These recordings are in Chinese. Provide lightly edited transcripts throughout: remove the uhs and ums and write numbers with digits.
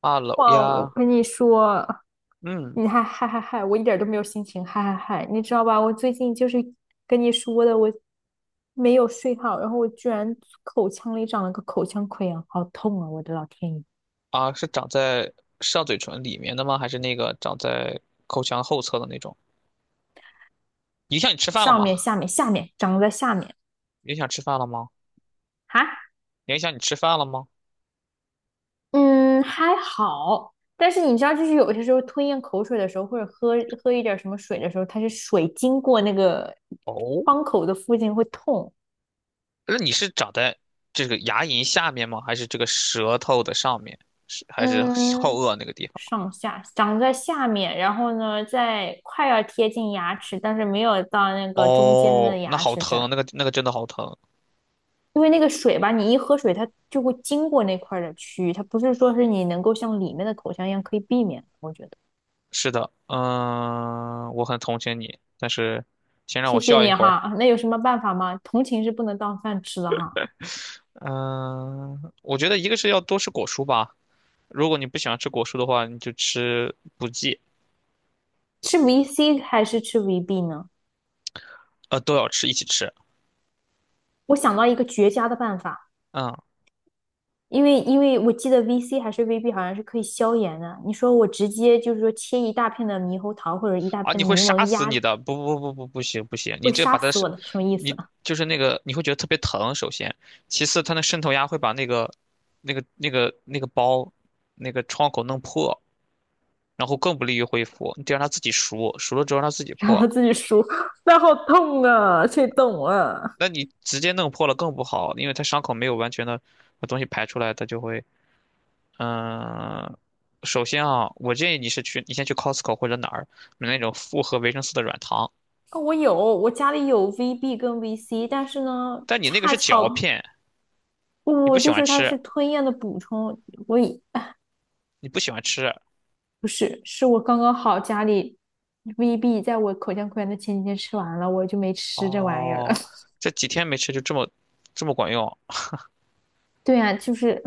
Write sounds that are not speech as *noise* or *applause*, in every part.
啊，楼哇，我呀。跟你说，嗯。你还嗨嗨嗨，我一点儿都没有心情嗨嗨嗨，你知道吧？我最近就是跟你说的，我没有睡好，然后我居然口腔里长了个口腔溃疡，好痛啊！我的老天爷，啊，是长在上嘴唇里面的吗？还是那个长在口腔后侧的那种？影响你吃饭了上吗？面、下面、下面长在下面影响吃饭了吗？哈。影响你吃饭了吗？嗯，还好。但是你知道，就是有些时候吞咽口水的时候，或者喝一点儿什么水的时候，它是水经过那个哦，窗口的附近会痛。那你是长在这个牙龈下面吗？还是这个舌头的上面？是还是后嗯，颚那个地方？上下长在下面，然后呢，在快要贴近牙齿，但是没有到那个中间哦，的那牙好齿这疼，儿，那个真的好疼。因为那个水吧，你一喝水，它就会经过那块儿的区域，它不是说是你能够像里面的口腔一样可以避免的我觉得。是的，嗯，我很同情你，但是先让谢我谢笑一你会儿。哈，那有什么办法吗？同情是不能当饭吃的哈。嗯，我觉得一个是要多吃果蔬吧。如果你不喜欢吃果蔬的话，你就吃补剂。吃维 c 还是吃维 b 呢？都要吃，一起吃。我想到一个绝佳的办法。嗯。因为我记得 VC 还是 VB 好像是可以消炎的。你说我直接就是说切一大片的猕猴桃或者一大啊，片你的会柠杀檬死压，你的，不行，你会这杀把它死是。我的，什么意思？你 *laughs* 就是那个你会觉得特别疼，首先，其次它那渗透压会把那个，那个包，那个创口弄破，然后更不利于恢复。你得让它自己熟，熟了之后让它自己让破。他自己输，那好痛啊！谁懂啊？那你直接弄破了更不好，因为它伤口没有完全的把东西排出来，它就会嗯。首先啊，我建议你是去，你先去 Costco 或者哪儿买那种复合维生素的软糖。哦，我有，我家里有 VB 跟 VC，但是呢，但你那个恰是嚼巧片，你不我喜就欢是它吃，是吞咽的补充，我以，哎你不喜欢吃。不是，是我刚刚好家里 VB 在我口腔溃疡的前几天吃完了，我就没吃这玩意儿了。哦，这几天没吃就这么管用？对啊，就是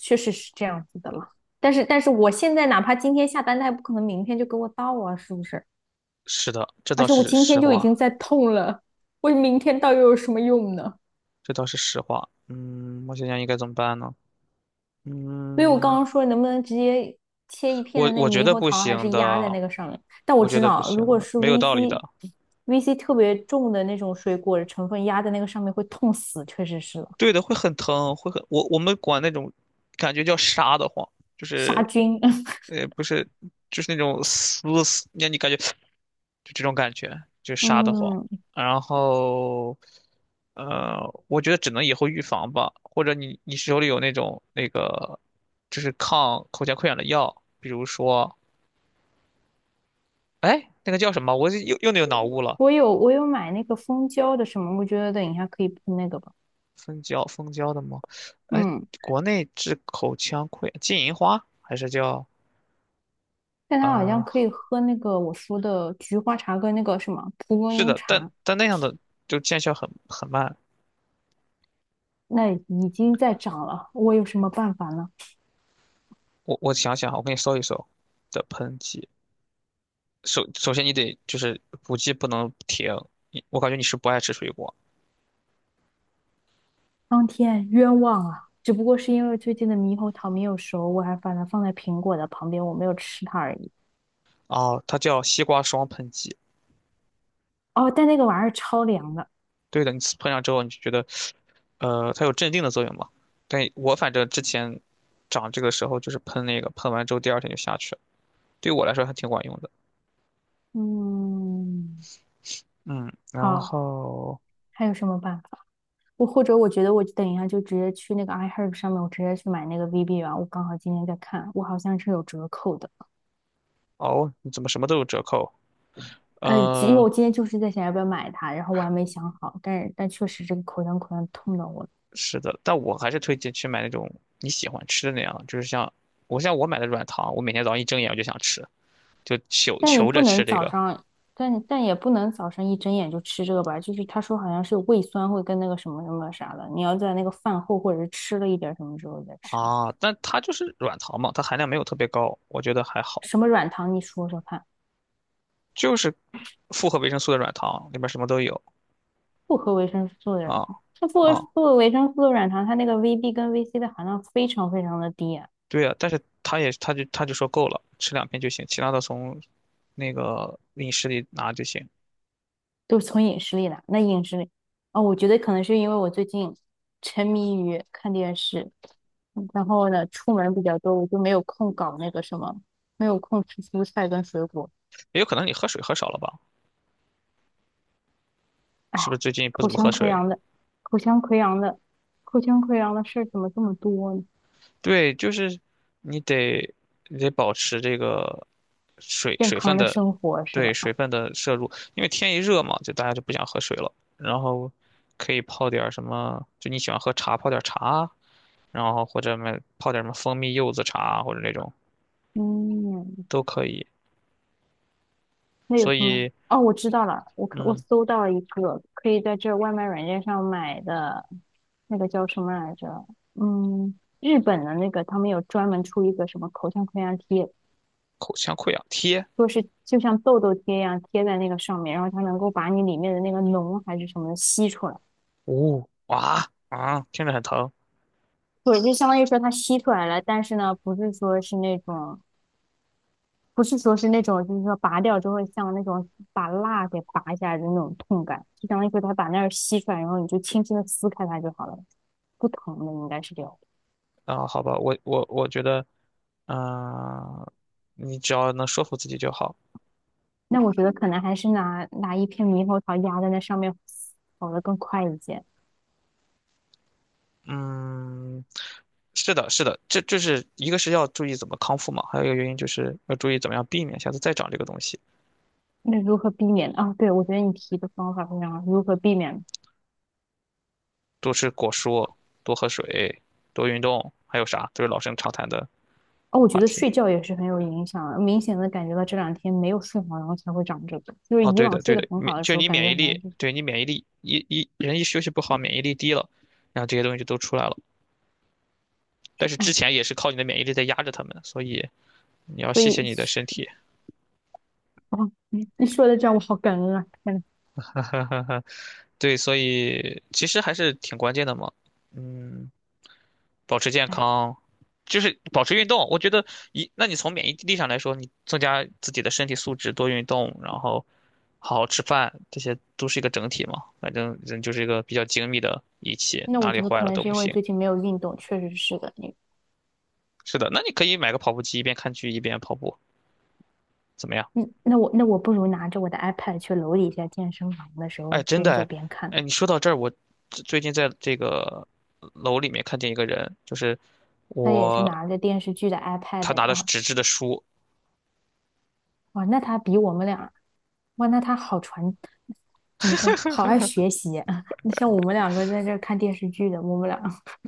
确实是这样子的了。但是我现在哪怕今天下单，他也不可能明天就给我到啊，是不是？是的，这而倒且我是今实天就已经话。在痛了，我明天到又有什么用呢？这倒是实话。嗯，我想想应该怎么办呢？所以我刚嗯，刚说能不能直接切一片我的那个我觉猕得猴不桃，还行是压在的，那个上面？但我我觉知得不道，如行果的，是 没有道理 VC 的。VC 特别重的那种水果的成分压在那个上面会痛死，确实是了。对的，会很疼，会很，我们管那种感觉叫杀得慌。就杀是菌。*laughs* 不是，就是那种撕撕，让你感觉就这种感觉，就杀得慌。嗯，然后呃，我觉得只能以后预防吧。或者你你手里有那种那个就是抗口腔溃疡的药，比如说哎那个叫什么，我又有脑雾了。我有买那个蜂胶的什么，我觉得等一下可以喷那个吧。蜂胶的吗？哎，嗯，国内治口腔溃疡金银花还是叫？但它好像啊、可以喝那个我说的菊花茶跟那个什么蒲公是英的，但茶。但那样的就见效很慢。那已经在涨了，我有什么办法呢？我想想啊，我给你搜一搜的喷剂。首先你得就是补剂不能停，你我感觉你是不爱吃水果。苍天冤枉啊！只不过是因为最近的猕猴桃没有熟，我还把它放在苹果的旁边，我没有吃它而已。哦，它叫西瓜霜喷剂。哦，但那个玩意儿超凉的。对的，你喷上之后你就觉得，呃，它有镇定的作用嘛。但我反正之前长这个时候就是喷那个，喷完之后第二天就下去了，对我来说还挺管用的。嗯，嗯，然好，后还有什么办法？我或者我觉得我等一下就直接去那个 iHerb 上面，我直接去买那个 VB 吧，我刚好今天在看，我好像是有折扣的。哦，你怎么什么都有折扣？因为呃，我今天就是在想要不要买它，然后我还没想好，但是但确实这个口腔口香痛的我。是的，但我还是推荐去买那种你喜欢吃的那样，就是像我像我买的软糖，我每天早上一睁眼我就想吃，就求但你求不着吃能这早个上，但但也不能早上一睁眼就吃这个吧，就是他说好像是有胃酸会跟那个什么什么啥的，你要在那个饭后或者是吃了一点什么之后再吃的。啊。但它就是软糖嘛，它含量没有特别高，我觉得还好。什么软糖你说说看？就是复合维生素的软糖，里面什么都有复合维生素的软啊糖，它复合啊，不合维生素的软糖，它那个 VB 跟 VC 的含量非常非常的低啊，对呀、但是他也他就他就说够了，吃两片就行，其他的从那个饮食里拿就行。都是从饮食里来。那饮食里，哦，我觉得可能是因为我最近沉迷于看电视，嗯，然后呢，出门比较多，我就没有空搞那个什么，没有空吃蔬菜跟水果。也有可能你喝水喝少了吧？哎，是不是最近不口怎么腔喝溃水？疡的，口腔溃疡的，口腔溃疡的事儿怎么这么多呢？对，就是你得你得保持这个水健水康分的的，生活是对吧？水分的摄入。因为天一热嘛，就大家就不想喝水了。然后可以泡点儿什么，就你喜欢喝茶，泡点儿茶，然后或者买泡点儿什么蜂蜜柚子茶或者那种嗯，都可以。那有所什么？以，哦，我知道了，我可我嗯，搜到了一个可以在这外卖软件上买的，那个叫什么来着？嗯，日本的那个，他们有专门出一个什么口腔溃疡贴，口腔溃疡贴，说是就像痘痘贴一样贴在那个上面，然后它能够把你里面的那个脓还是什么的吸出来。呜哇啊，听着很疼对，就相当于说它吸出来了，但是呢，不是说是那种，就是说拔掉之后像那种把蜡给拔下来的那种痛感，就相当于说它把那儿吸出来，然后你就轻轻的撕开它就好了，不疼的应该是这样。啊。好吧，我觉得，嗯、你只要能说服自己就好。那我觉得可能还是拿一片猕猴桃压在那上面，好的更快一些。嗯，是的，是的，这就是一个是要注意怎么康复嘛，还有一个原因就是要注意怎么样避免下次再长这个东西。那如何避免啊？对，我觉得你提的方法非常好，如何避免？多吃果蔬，多喝水，多运动，还有啥都是老生常谈的哦，我觉话得题。睡觉也是很有影响的，明显的感觉到这两天没有睡好，然后才会长这个。就是哦，以对的，往睡对得的，很免好的就时候，你感免觉疫好像力，就是，对你免疫力一人一休息不好，免疫力低了，然后这些东西就都出来了。但是之哎，前也是靠你的免疫力在压着他们，所以你要所谢谢以你的身体。哦，你你说的这样我好感恩啊！天呐。*laughs* 对，所以其实还是挺关键的嘛。嗯。保持健哎，康，就是保持运动。我觉得一，那你从免疫力上来说，你增加自己的身体素质，多运动，然后好好吃饭，这些都是一个整体嘛。反正人就是一个比较精密的仪器，那我哪里觉得坏可了能都是不因为行。最近没有运动，确实是的。你，是的，那你可以买个跑步机，一边看剧一边跑步，怎么样？嗯，那我不如拿着我的 iPad 去楼底下健身房的时哎，候真的边走哎，边哎看。你说到这儿，我最近在这个楼里面看见一个人，就是他也是我，拿着电视剧的 他 iPad，拿的然是后纸质的书。哇，那他比我们俩，哇，那他好传，怎么说，好爱学习啊！*laughs* 那像我们两个在这儿看电视剧的，我们俩 *laughs*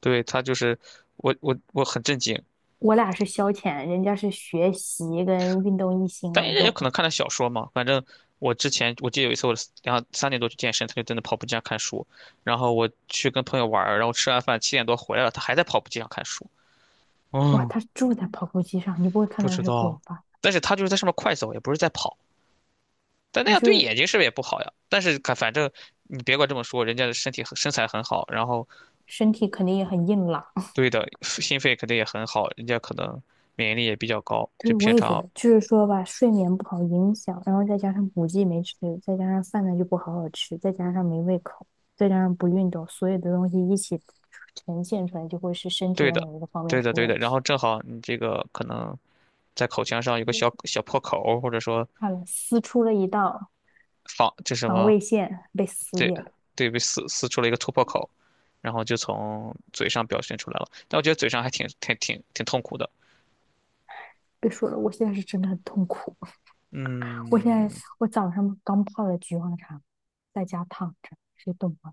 对，他就是我很震惊。我俩是消遣，人家是学习跟运动一心但二人家也用。可能看的小说嘛。反正我之前我记得有一次我两三点多去健身，他就真的跑步机上看书。然后我去跟朋友玩儿，然后吃完饭七点多回来了，他还在跑步机上看书。哇，嗯，他住在跑步机上，你不会看不到他知是滚道，吧？但是他就是在上面快走，也不是在跑。但那我样对是眼睛是不是也不好呀？但是看反正你别管这么说，人家的身体很身材很好，然后身体肯定也很硬朗。对的心肺肯定也很好，人家可能免疫力也比较高，就对，我平也觉常得，就是说吧，睡眠不好影响，然后再加上补剂没吃，再加上饭呢就不好好吃，再加上没胃口，再加上不运动，所有的东西一起呈现出来，就会是身体对的的，某一个方面对出的，对问的。然题。后正好你这个可能在口腔上有个小小破口儿或者说好了，撕出了一道仿这什防么，卫线，被撕对裂了。对，被撕撕出了一个突破口，然后就从嘴上表现出来了。但我觉得嘴上还挺痛苦的。别说了，我现在是真的很痛苦。我现在嗯，我早上刚泡了菊花茶，在家躺着，谁懂啊？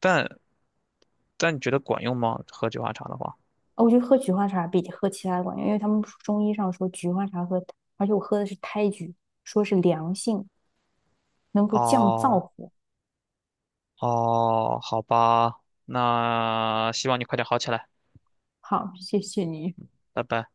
但但你觉得管用吗？喝菊花茶的话？哦，我觉得喝菊花茶比喝其他的管用，因为他们说中医上说菊花茶喝，而且我喝的是胎菊，说是凉性，能够降燥哦火。哦，好吧，那希望你快点好起来，好，谢谢你。拜拜。